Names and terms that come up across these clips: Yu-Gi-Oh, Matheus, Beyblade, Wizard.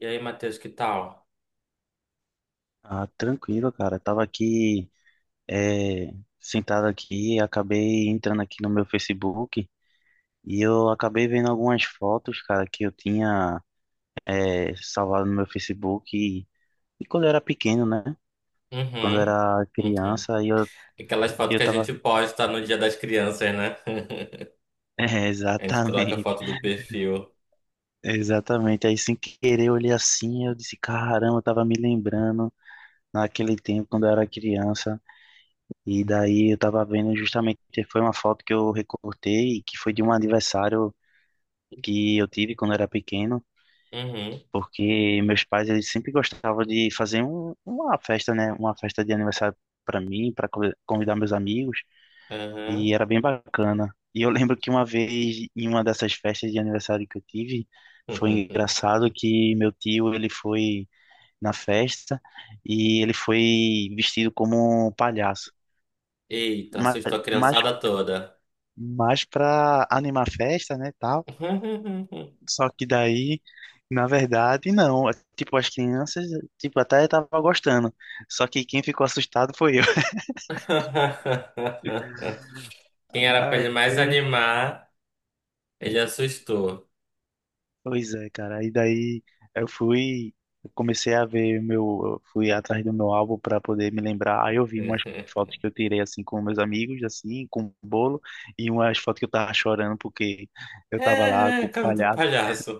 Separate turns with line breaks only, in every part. E aí, Matheus, que tal?
Ah, tranquilo, cara. Tava aqui, é, sentado aqui, acabei entrando aqui no meu Facebook e eu acabei vendo algumas fotos, cara, que eu tinha, salvado no meu Facebook e quando eu era pequeno, né? Quando eu
Uhum,
era
uhum.
criança,
Aquelas fotos
eu
que a gente
tava.
posta no Dia das Crianças, né?
É,
A gente troca a foto do perfil.
exatamente. Aí sem querer eu olhei assim, eu disse, caramba, eu tava me lembrando naquele tempo quando eu era criança. E daí eu tava vendo justamente, foi uma foto que eu recortei, que foi de um aniversário que eu tive quando eu era pequeno,
Uhum,
porque meus pais, eles sempre gostavam de fazer uma festa, né? Uma festa de aniversário para mim, para convidar meus amigos,
uhum.
e era bem bacana. E eu lembro que uma vez, em uma dessas festas de aniversário que eu tive, foi engraçado que meu tio, ele foi na festa e ele foi vestido como um palhaço.
Eita,
Mas,
assustou a
mas
criançada toda.
mais pra animar a festa, né, tal. Só que daí, na verdade, não. É, tipo, as crianças, tipo, até tava gostando. Só que quem ficou assustado foi eu.
Quem era pra ele mais
Aí,
animar, ele assustou.
pois é, cara. Aí daí eu fui, eu comecei a ver meu, eu fui atrás do meu álbum para poder me lembrar. Aí eu vi umas fotos que eu tirei assim com meus amigos, assim, com um bolo, e umas fotos que eu tava chorando porque eu tava lá
É,
com o
casa do
palhaço.
palhaço.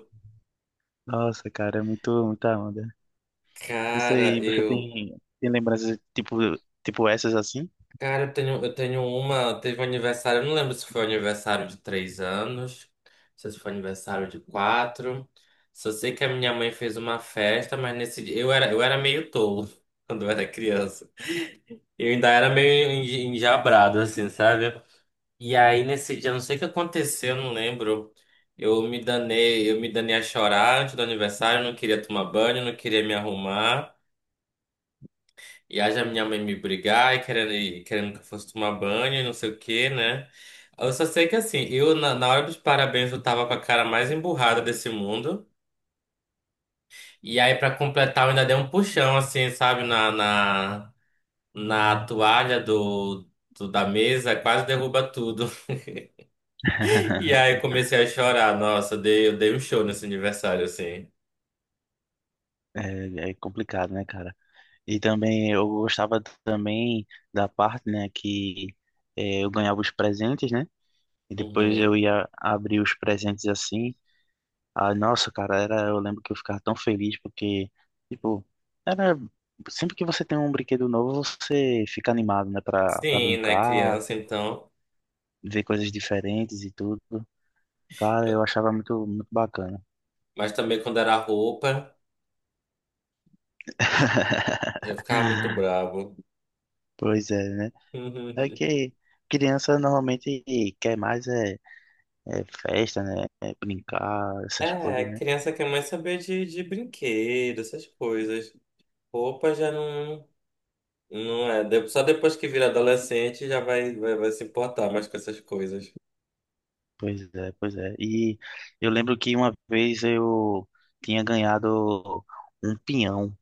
Nossa, cara, é muito, muita onda. Não
Cara,
sei,
eu
tem lembranças tipo, tipo essas assim?
Cara, eu tenho uma. Teve um aniversário, eu não lembro se foi um aniversário de três anos, se foi um aniversário de quatro. Só sei que a minha mãe fez uma festa, mas nesse dia. Eu era meio tolo quando eu era criança. Eu ainda era meio enjabrado, assim, sabe? E aí nesse dia, não sei o que aconteceu, eu não lembro. Eu me danei a chorar antes do aniversário, eu não queria tomar banho, eu não queria me arrumar. E aí a minha mãe me brigar e querendo que eu fosse tomar banho e não sei o quê, né? Eu só sei que assim, eu na hora dos parabéns eu tava com a cara mais emburrada desse mundo. E aí pra completar eu ainda dei um puxão assim, sabe, na toalha da mesa, quase derruba tudo. E aí eu comecei a chorar, nossa, eu dei um show nesse aniversário assim.
É, é complicado, né, cara? E também eu gostava também da parte, né, que eu ganhava os presentes, né? E depois eu
Uhum.
ia abrir os presentes assim. Ah, nossa, cara, era, eu lembro que eu ficava tão feliz porque, tipo, era sempre que você tem um brinquedo novo, você fica animado, né, pra
Sim, né,
brincar,
criança então.
ver coisas diferentes e tudo. Cara, eu
Eu-
achava muito, muito bacana.
mas também quando era roupa, eu ficava muito bravo.
Pois é, né? É que criança normalmente quer mais é, é festa, né? É brincar, essas
É,
coisas, né?
criança quer mais saber de brinquedo, essas coisas. Roupa já não, não é. Só depois que vira adolescente já vai se importar mais com essas coisas.
Pois é, pois é. E eu lembro que uma vez eu tinha ganhado um peão,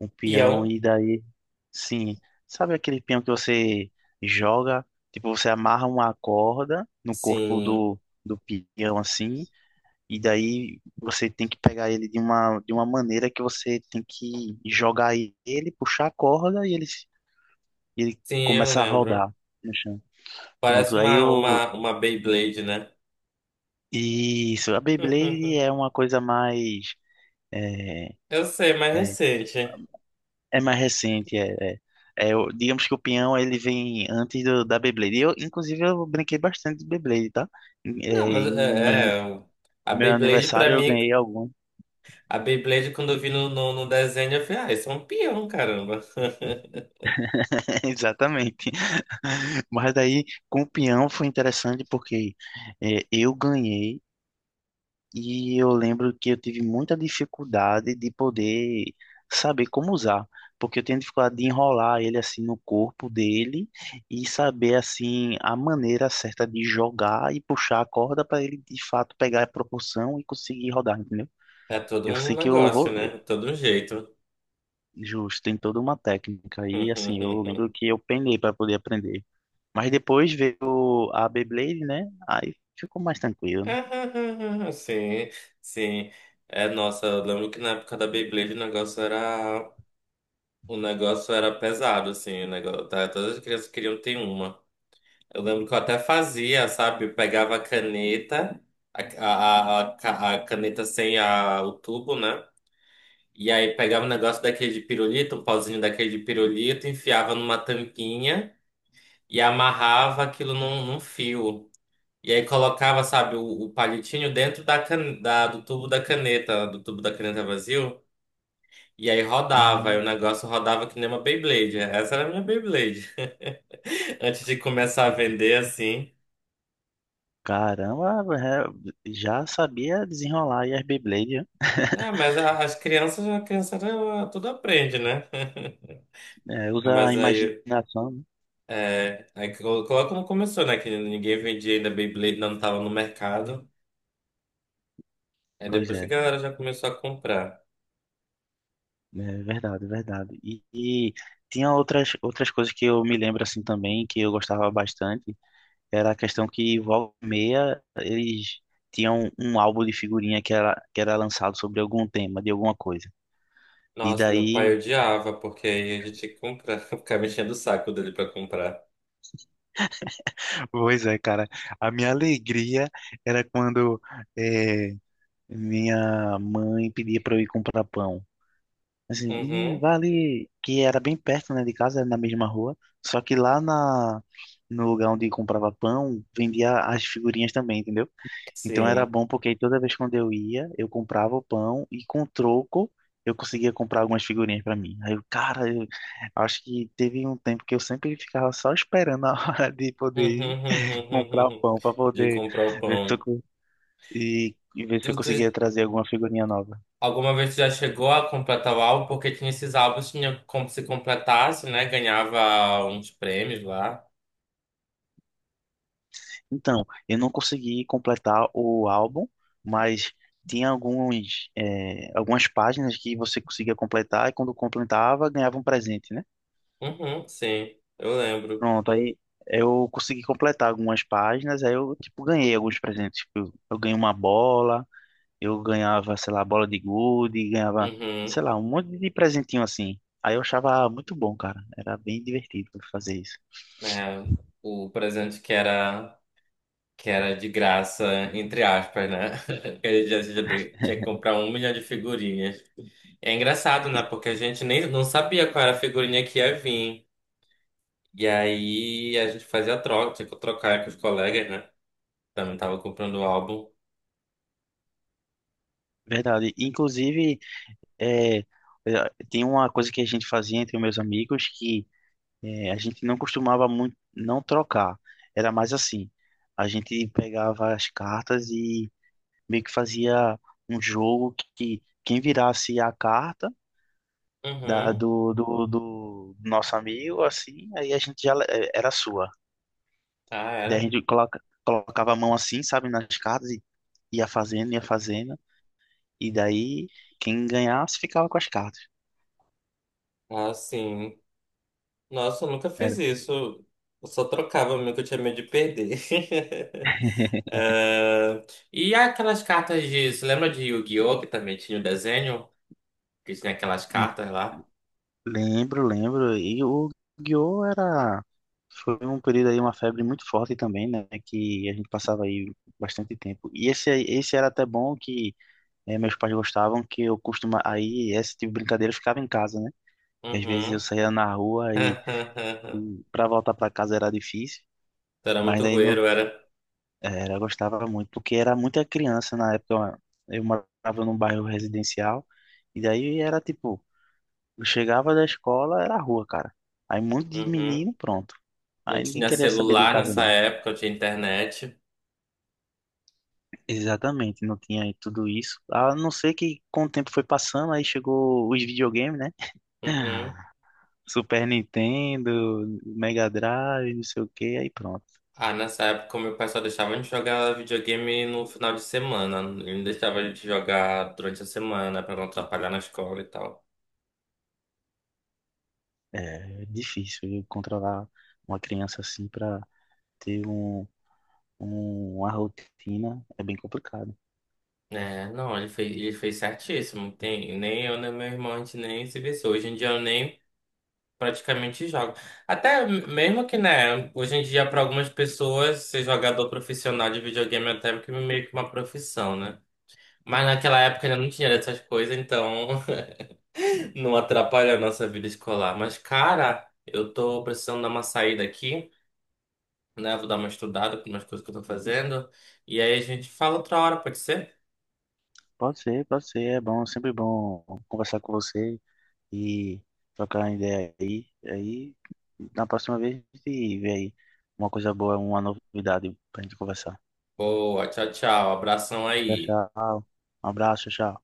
um peão,
Peão?
e daí, sim, sabe aquele peão que você joga, tipo, você amarra uma corda no corpo
Sim,
do peão assim. E daí você tem que pegar ele de de uma maneira que você tem que jogar ele, puxar a corda e ele, se- e ele
sim, eu
começa a
lembro.
rodar no chão.
Parece
Pronto, aí eu.
uma Beyblade, né?
Isso, a Beyblade é uma coisa mais. É,
Eu sei, mais
é,
recente.
é mais recente. É o- digamos que o peão ele vem antes da Beyblade. Eu, inclusive, eu brinquei bastante de Beyblade, tá? É,
Não, mas a
meu
Beyblade pra
aniversário eu
mim,
ganhei algum.
a Beyblade quando eu vi no desenho, eu falei, ah, isso é um peão, caramba.
Exatamente. Mas daí, com o peão foi interessante porque eu ganhei e eu lembro que eu tive muita dificuldade de poder saber como usar, porque eu tenho dificuldade de enrolar ele assim no corpo dele e saber assim a maneira certa de jogar e puxar a corda para ele de fato pegar a proporção e conseguir rodar, entendeu?
É todo
Eu
um
sei
negócio,
é,
né? Todo um jeito.
justo, tem toda uma técnica e assim, eu lembro que eu penei para poder aprender. Mas depois veio a Beyblade, né? Aí ficou mais tranquilo, né?
Sim, sim. É, nossa, eu lembro que na época da Beyblade o negócio era. O negócio era pesado, assim, o negócio, tá? Todas as crianças queriam ter uma. Eu lembro que eu até fazia, sabe? Eu pegava a caneta, a caneta sem a, o tubo, né? E aí pegava um negócio daquele de pirulito, um pauzinho daquele de pirulito, enfiava numa tampinha e amarrava aquilo num fio. E aí colocava, sabe, o palitinho dentro do tubo da caneta, do tubo da caneta vazio. E aí rodava, e o
Hum,
negócio rodava que nem uma Beyblade. Essa era a minha Beyblade. Antes de começar a vender, assim.
caramba, é, já sabia desenrolar aí as Beyblade, né?
É, mas as crianças, a criança ela tudo aprende, né?
É, usa a
Mas aí,
imaginação, né?
é, aí coloca como começou, né? Que ninguém vendia ainda Beyblade, não tava no mercado. Aí
Pois
depois que a
é,
galera já começou a comprar.
é verdade, verdade. E tinha outras, outras coisas que eu me lembro assim também, que eu gostava bastante, era a questão que volta e meia eles tinham um álbum de figurinha que era lançado sobre algum tema, de alguma coisa. E
Nossa, meu pai
daí
odiava, porque aí a gente tinha que comprar, ficar mexendo o saco dele pra comprar.
pois é, cara. A minha alegria era quando eh, minha mãe pedia para eu ir comprar pão. Assim, menino,
Uhum,
vai ali, que era bem perto, né, de casa, era na mesma rua. Só que no lugar onde comprava pão, vendia as figurinhas também, entendeu? Então era
sim.
bom porque aí toda vez quando eu ia, eu comprava o pão e com troco eu conseguia comprar algumas figurinhas para mim. Aí eu, cara, eu acho que teve um tempo que eu sempre ficava só esperando a hora de poder ir comprar um pão para
De
poder
comprar o
ver se eu,
pão.
co- e ver
Tu,
se eu conseguia
tu-
trazer alguma figurinha nova.
Alguma vez tu já chegou a completar o álbum? Porque tinha esses álbuns, tinha como se completasse, né? Ganhava uns prêmios lá.
Então, eu não consegui completar o álbum, mas tinha algumas páginas que você conseguia completar e quando completava ganhava um presente, né?
Uhum, sim, eu lembro.
Pronto, aí eu consegui completar algumas páginas, aí eu tipo ganhei alguns presentes. Tipo, eu ganhei uma bola. Eu ganhava, sei lá, bola de gude, ganhava,
Uhum,
sei lá, um monte de presentinho assim. Aí eu achava muito bom, cara. Era bem divertido fazer isso.
né? O presente que era de graça, entre aspas, né? Que a gente já tinha que comprar um milhão de figurinhas. É engraçado, né? Porque a gente nem não sabia qual era a figurinha que ia vir. E aí a gente fazia troca, tinha que trocar com os colegas, né? Também tava comprando o álbum.
Verdade. Inclusive, é, é, tem uma coisa que a gente fazia entre meus amigos que é, a gente não costumava muito não trocar. Era mais assim. A gente pegava as cartas e meio que fazia um jogo que quem virasse a carta
Uhum.
do nosso amigo, assim, aí a gente já le- era sua.
Ah,
Daí a
era?
gente colocava a mão assim, sabe, nas cartas e ia fazendo. E daí quem ganhasse ficava com as cartas.
Ah, sim. Nossa, eu nunca fiz
Era.
isso. Eu só trocava mesmo que eu tinha medo de perder. Ah, e aquelas cartas de. Você lembra de Yu-Gi-Oh! Que também tinha o desenho? Que tinha aquelas
Hum,
cartas lá?
Lembro, lembro. E o Yu-Gi-Oh! Era. Foi um período aí, uma febre muito forte também, né? Que a gente passava aí bastante tempo. E esse era até bom que meus pais gostavam, que eu costuma aí, esse tipo de brincadeira eu ficava em casa, né? E às vezes eu
Uhum.
saía na rua e para voltar para casa era difícil.
Tu era
Mas
muito
aí no,
rueiro, era?
Era, eu gostava muito, porque era muita criança na época. Eu morava num bairro residencial, e daí era tipo, eu chegava da escola, era rua, cara. Aí um monte de
Uhum.
menino, pronto.
Não
Aí ninguém
tinha
queria saber de
celular
casa,
nessa
não.
época, eu tinha internet.
Exatamente, não tinha aí tudo isso. A não ser que com o tempo foi passando, aí chegou os videogames, né?
Uhum.
Super Nintendo, Mega Drive, não sei o que, aí pronto.
Ah, nessa época meu pai só deixava a gente jogar videogame no final de semana. Ele não deixava a gente jogar durante a semana pra não atrapalhar na escola e tal.
É difícil viu, controlar uma criança assim pra ter uma rotina é bem complicado.
É, não, ele fez certíssimo. Tem, nem eu, nem meu irmão, a gente nem se vê. Hoje em dia eu nem praticamente jogo. Até mesmo que, né, hoje em dia para algumas pessoas ser jogador profissional de videogame é até que meio que uma profissão, né? Mas naquela época ainda não tinha essas coisas, então não atrapalha a nossa vida escolar. Mas, cara, eu tô precisando dar uma saída aqui, né? Vou dar uma estudada com umas coisas que eu tô fazendo. E aí a gente fala outra hora, pode ser?
Pode ser, é bom, sempre bom conversar com você e trocar uma ideia aí. Aí, na próxima vez, a gente vê aí uma coisa boa, uma novidade pra gente conversar.
Boa, tchau, tchau. Abração
Tchau,
aí.
tchau. Um abraço, tchau.